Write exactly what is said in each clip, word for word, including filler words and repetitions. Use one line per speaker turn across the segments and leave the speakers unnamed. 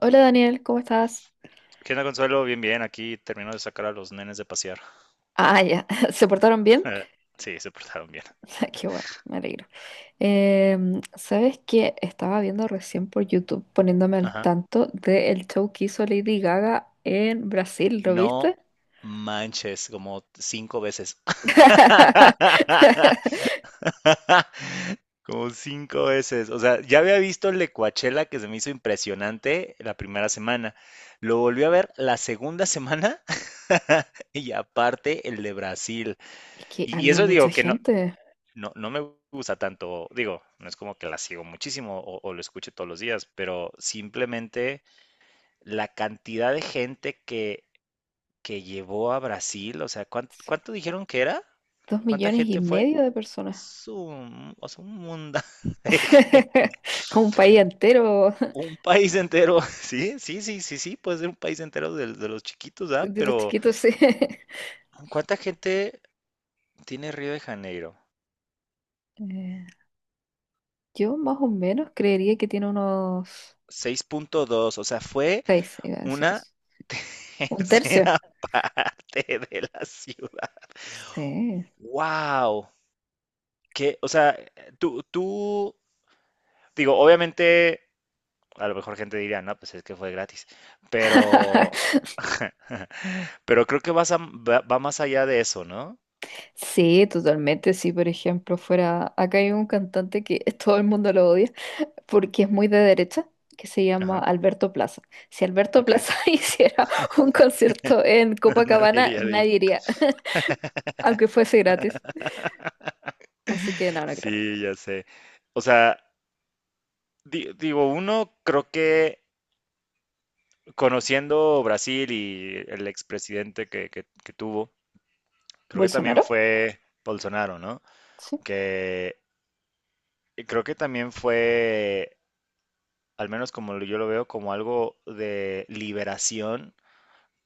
Hola Daniel, ¿cómo estás?
¿Qué onda, Consuelo? Bien, bien. Aquí termino de sacar a los nenes de pasear.
Ah, ya, ¿se portaron bien?
Sí, se portaron bien.
Qué bueno, me alegro. Em, ¿sabes qué? Estaba viendo recién por YouTube poniéndome al
Ajá.
tanto del show que hizo Lady Gaga en Brasil, ¿lo
¡No
viste?
manches, como cinco veces! Como cinco veces. O sea, ya había visto el de Coachella que se me hizo impresionante la primera semana. Lo volví a ver la segunda semana y aparte el de Brasil.
Es que
Y, y
había
eso
mucha
digo que no,
gente,
No, no me gusta tanto, digo, no es como que la sigo muchísimo o, o lo escuche todos los días, pero simplemente la cantidad de gente que, que llevó a Brasil, o sea, ¿cuán- ¿cuánto, dijeron que era?
dos
¿Cuánta
millones y
gente fue?
medio de personas.
Su- o sea, un mundo de gente,
Un país entero
un país entero, sí, sí, sí, sí, sí, puede ser un país entero de, de los chiquitos, ¿ah?
de los
Pero
chiquitos, sí.
¿cuánta gente tiene Río de Janeiro?
Eh, yo más o menos creería que tiene unos
Seis punto dos, o sea, fue
seis, iba a decir,
una
eso. Un tercio.
tercera parte de la ciudad.
Sí.
Wow, que, o sea, tú, tú, digo, obviamente, a lo mejor gente diría, no, pues es que fue gratis, pero, pero creo que vas a- va, va más allá de eso, ¿no?
Sí, totalmente. Si, por ejemplo, fuera. Acá hay un cantante que todo el mundo lo odia porque es muy de derecha, que se llama
Ajá,
Alberto Plaza. Si Alberto
ok.
Plaza hiciera un concierto en
Nadie
Copacabana,
diría, di-
nadie iría, aunque fuese gratis. Así que no, no creo.
Sí, ya sé. O sea, di- digo, uno creo que conociendo Brasil y el expresidente que, que que tuvo. Creo que también
¿Bolsonaro?
fue Bolsonaro, ¿no?
Sí,
Que creo que también fue, al menos como lo- yo lo veo, como algo de liberación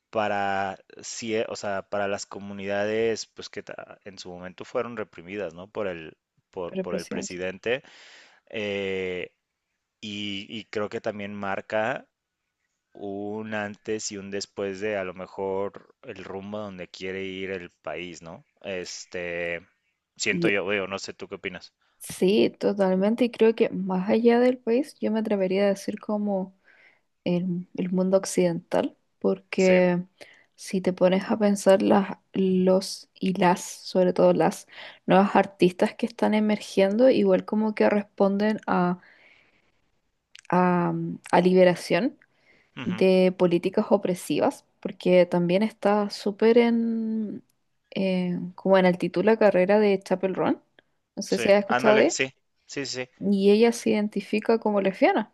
para, cie- o sea, para las comunidades pues que ta- en su momento fueron reprimidas, ¿no? Por el, por,
pero el
por el
presidente.
presidente. eh, y, y creo que también marca un antes y un después de a lo mejor el rumbo donde quiere ir el país, ¿no? Este, siento
Y
yo, veo, no sé, ¿tú qué opinas?
sí, totalmente. Y creo que más allá del país, yo me atrevería a decir como el, el mundo occidental,
Sí,
porque si te pones a pensar las, los y las, sobre todo las nuevas artistas que están emergiendo, igual como que responden a, a, mm, a liberación
ujú,
de políticas opresivas, porque también está súper en, eh, como en altitud la carrera de Chapel Roan, no sé
sí,
si has escuchado de
ándale,
ella,
sí, sí, sí,
y ella se identifica como lesbiana.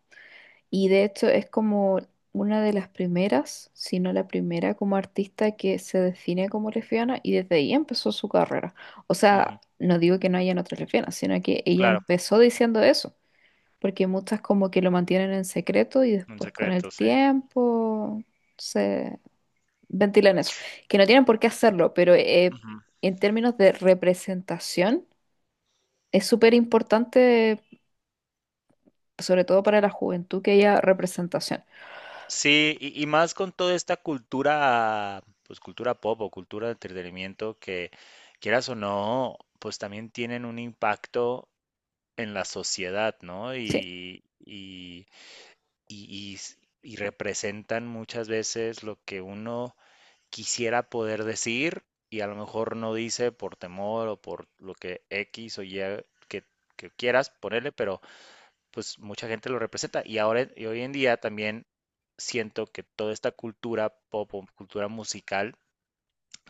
Y de hecho es como una de las primeras, si no la primera como artista que se define como lesbiana y desde ahí empezó su carrera. O sea,
ujú,
no digo que no hayan otras lesbianas, sino que ella
claro,
empezó diciendo eso, porque muchas como que lo mantienen en secreto y
un
después con el
secreto, sí.
tiempo se ventilan eso, que no tienen por qué hacerlo, pero eh,
Ujú.
en términos de representación es súper importante, sobre todo para la juventud, que haya representación.
Sí, y, y más con toda esta cultura, pues cultura pop o cultura de entretenimiento que quieras o no, pues también tienen un impacto en la sociedad, ¿no? Y, y, y, y s- y representan muchas veces lo que uno quisiera poder decir y a lo mejor no dice por temor o por lo que X o Y que, que quieras ponerle, pero pues mucha gente lo representa. Y ahora y hoy en día también siento que toda esta cultura pop o cultura musical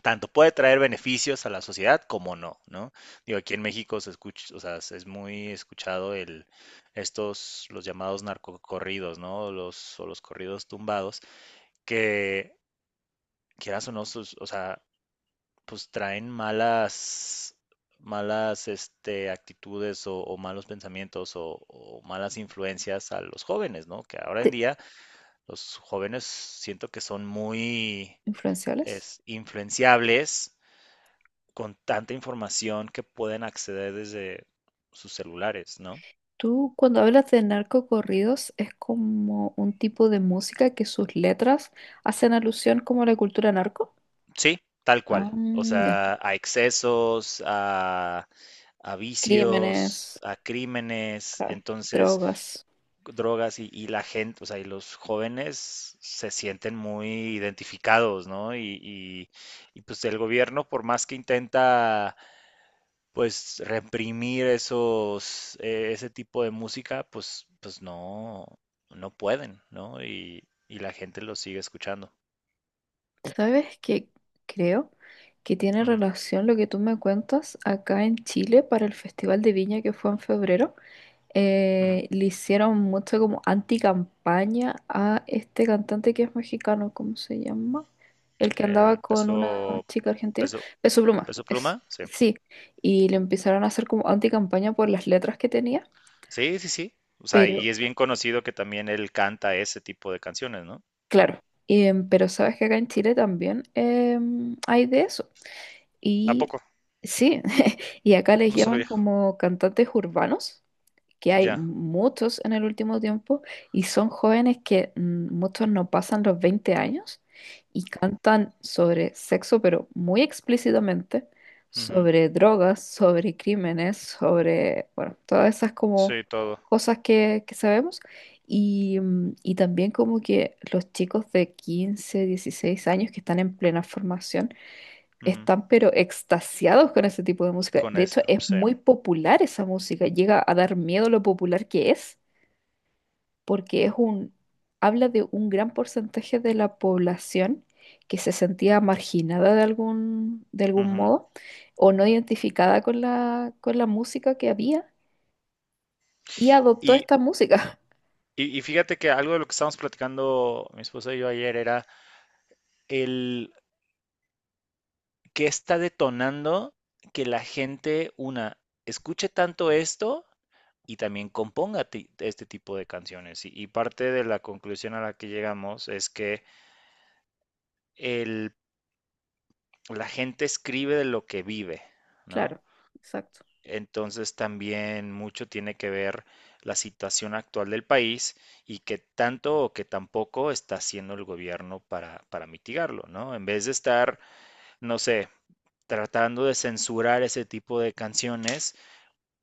tanto puede traer beneficios a la sociedad como no, ¿no? Digo, aquí en México se escucha, o sea, es muy escuchado el estos los llamados narcocorridos, ¿no? Los o los corridos tumbados que quieras o no, o sea, pues traen malas, malas este, actitudes o, o malos pensamientos o, o malas influencias a los jóvenes, ¿no? Que ahora en
Sí.
día los jóvenes siento que son muy
Influenciales.
es, influenciables con tanta información que pueden acceder desde sus celulares, ¿no?
Tú cuando hablas de narcocorridos es como un tipo de música que sus letras hacen alusión como a la cultura narco.
Sí, tal
Ah,
cual. O
ya.
sea, a excesos, a, a vicios,
Crímenes,
a crímenes.
claro,
Entonces,
drogas.
drogas y, y la gente, o sea, y los jóvenes se sienten muy identificados, ¿no? Y, y, y pues el gobierno, por más que intenta, pues, reprimir esos, eh, ese tipo de música, pues, pues no, no pueden, ¿no? Y, y la gente lo sigue escuchando.
¿Sabes qué? Creo que tiene
Ujú,
relación lo que tú me cuentas. Acá en Chile, para el Festival de Viña, que fue en febrero,
ujú.
eh, le hicieron mucho como anticampaña a este cantante que es mexicano, ¿cómo se llama? El que andaba
El
con una
peso,
chica argentina,
peso,
Peso Pluma,
peso
es,
pluma, sí.
sí, y le empezaron a hacer como anticampaña por las letras que tenía,
Sí, sí, sí. O sea,
pero
y es bien conocido que también él canta ese tipo de canciones, ¿no?
claro. Em, pero sabes que acá en Chile también, em, hay de eso,
¿A
y
poco?
sí, y acá les
No
llaman
sabía.
como cantantes urbanos, que hay
Ya.
muchos en el último tiempo y son jóvenes que, mm, muchos no pasan los veinte años, y cantan sobre sexo, pero muy explícitamente,
Ujú.
sobre drogas, sobre crímenes, sobre, bueno, todas esas como
Sí, todo.
cosas que, que sabemos. Y, mm, y también como que los chicos de quince dieciséis años, que están en plena formación,
Ujú.
están pero extasiados con ese tipo de música.
Con
De hecho,
esa,
es
sí.
muy popular esa música. Llega a dar miedo lo popular que es, porque es un, habla de un gran porcentaje de la población que se sentía marginada de algún, de algún
Ujú.
modo, o no identificada con la, con la música que había, y adoptó
Y,
esta música.
y, y fíjate que algo de lo que estábamos platicando mi esposa y yo ayer era el que está detonando que la gente, una, escuche tanto esto y también componga ti- este tipo de canciones. Y, y parte de la conclusión a la que llegamos es que el, la gente escribe de lo que vive, ¿no?
Claro, exacto.
Entonces también mucho tiene que ver la situación actual del país y qué tanto o qué tampoco está haciendo el gobierno para, para mitigarlo, ¿no? En vez de estar, no sé, tratando de censurar ese tipo de canciones,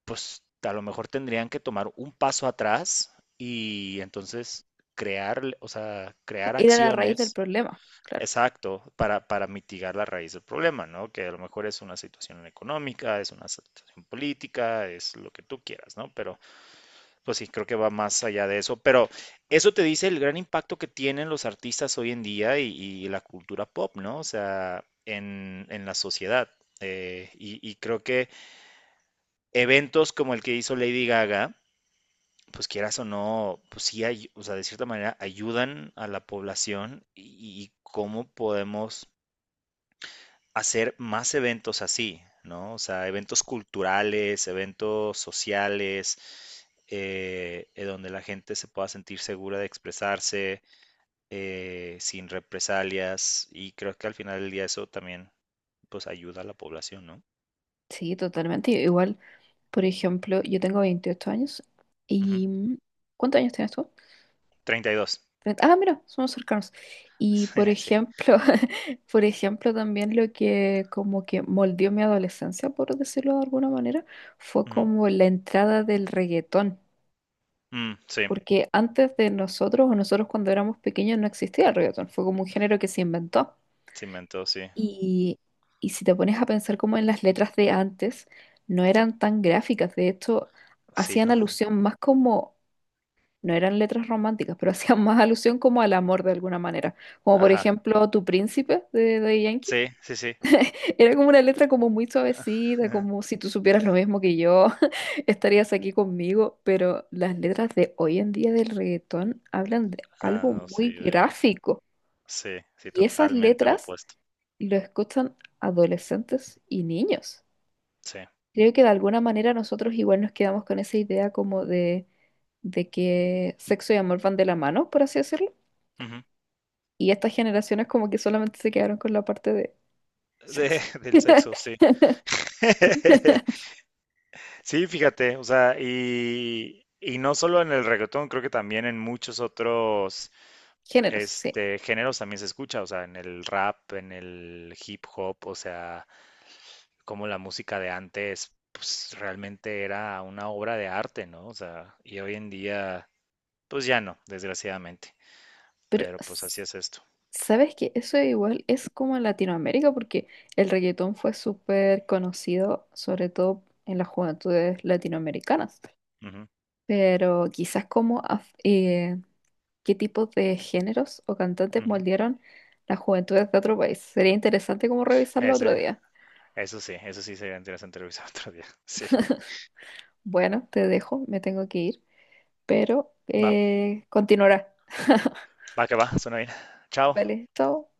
pues a lo mejor tendrían que tomar un paso atrás y entonces crear, o sea, crear
Era la raíz del
acciones.
problema, claro.
Exacto, para, para mitigar la raíz del problema, ¿no? Que a lo mejor es una situación económica, es una situación política, es lo que tú quieras, ¿no? Pero pues sí, creo que va más allá de eso. Pero eso te dice el gran impacto que tienen los artistas hoy en día y, y la cultura pop, ¿no? O sea, en, en la sociedad. Eh, y, y creo que eventos como el que hizo Lady Gaga, pues quieras o no, pues sí, hay, o sea, de cierta manera ayudan a la población y, y cómo podemos hacer más eventos así, ¿no? O sea, eventos culturales, eventos sociales, eh, eh, donde la gente se pueda sentir segura de expresarse eh, sin represalias y creo que al final del día eso también pues ayuda a la población, ¿no?
Sí, totalmente. Igual, por ejemplo, yo tengo veintiocho años
Ujú.
y... mm, ¿cuántos años tienes tú?
Treinta y dos.
treinta. Ah, mira, somos cercanos. Y por
Sí.
ejemplo, por ejemplo, también lo que como que moldeó mi adolescencia, por decirlo de alguna manera, fue
Ujú.
como la entrada del reggaetón.
Mm, sí,
Porque antes de nosotros, o nosotros cuando éramos pequeños, no existía el reggaetón, fue como un género que se inventó.
sí, mentó, sí.
Y, y si te pones a pensar como en las letras de antes, no eran tan gráficas. De hecho,
Sí,
hacían
no.
alusión más como, no eran letras románticas, pero hacían más alusión como al amor de alguna manera. Como por
Ajá.
ejemplo, Tu Príncipe, de, de, Yankee,
Sí, sí, sí.
era como una letra como muy suavecita,
Ajá.
como si tú supieras lo mismo que yo, estarías aquí conmigo. Pero las letras de hoy en día del reggaetón hablan de
Ah,
algo
no, sí,
muy
de...
gráfico.
Sí, sí,
Y esas
totalmente lo
letras
opuesto.
lo escuchan adolescentes y niños.
Sí.
Creo que de alguna manera nosotros igual nos quedamos con esa idea como de, de que sexo y amor van de la mano, por así decirlo.
Ujú.
Y estas generaciones como que solamente se quedaron con la parte de
De,
sexo.
del sexo, sí. Sí, fíjate, o sea, y, y no solo en el reggaetón, creo que también en muchos otros
Géneros, sí.
este, géneros también se escucha, o sea, en el rap, en el hip hop, o sea, como la música de antes, pues realmente era una obra de arte, ¿no? O sea, y hoy en día, pues ya no, desgraciadamente,
Pero,
pero pues así
s-
es esto.
¿sabes qué? Eso igual es como en Latinoamérica, porque el reggaetón fue súper conocido, sobre todo en las juventudes latinoamericanas.
Ujú,
Pero quizás como qué tipos de géneros o cantantes
ujú.
moldearon las juventudes de otro país. Sería interesante como revisarlo otro
Ese,
día.
eso sí, eso sí sería interesante revisar otro día. Sí,
Bueno, te dejo, me tengo que ir, pero
va,
eh, continuará.
va que va, suena bien. Chao.
Vale, chao.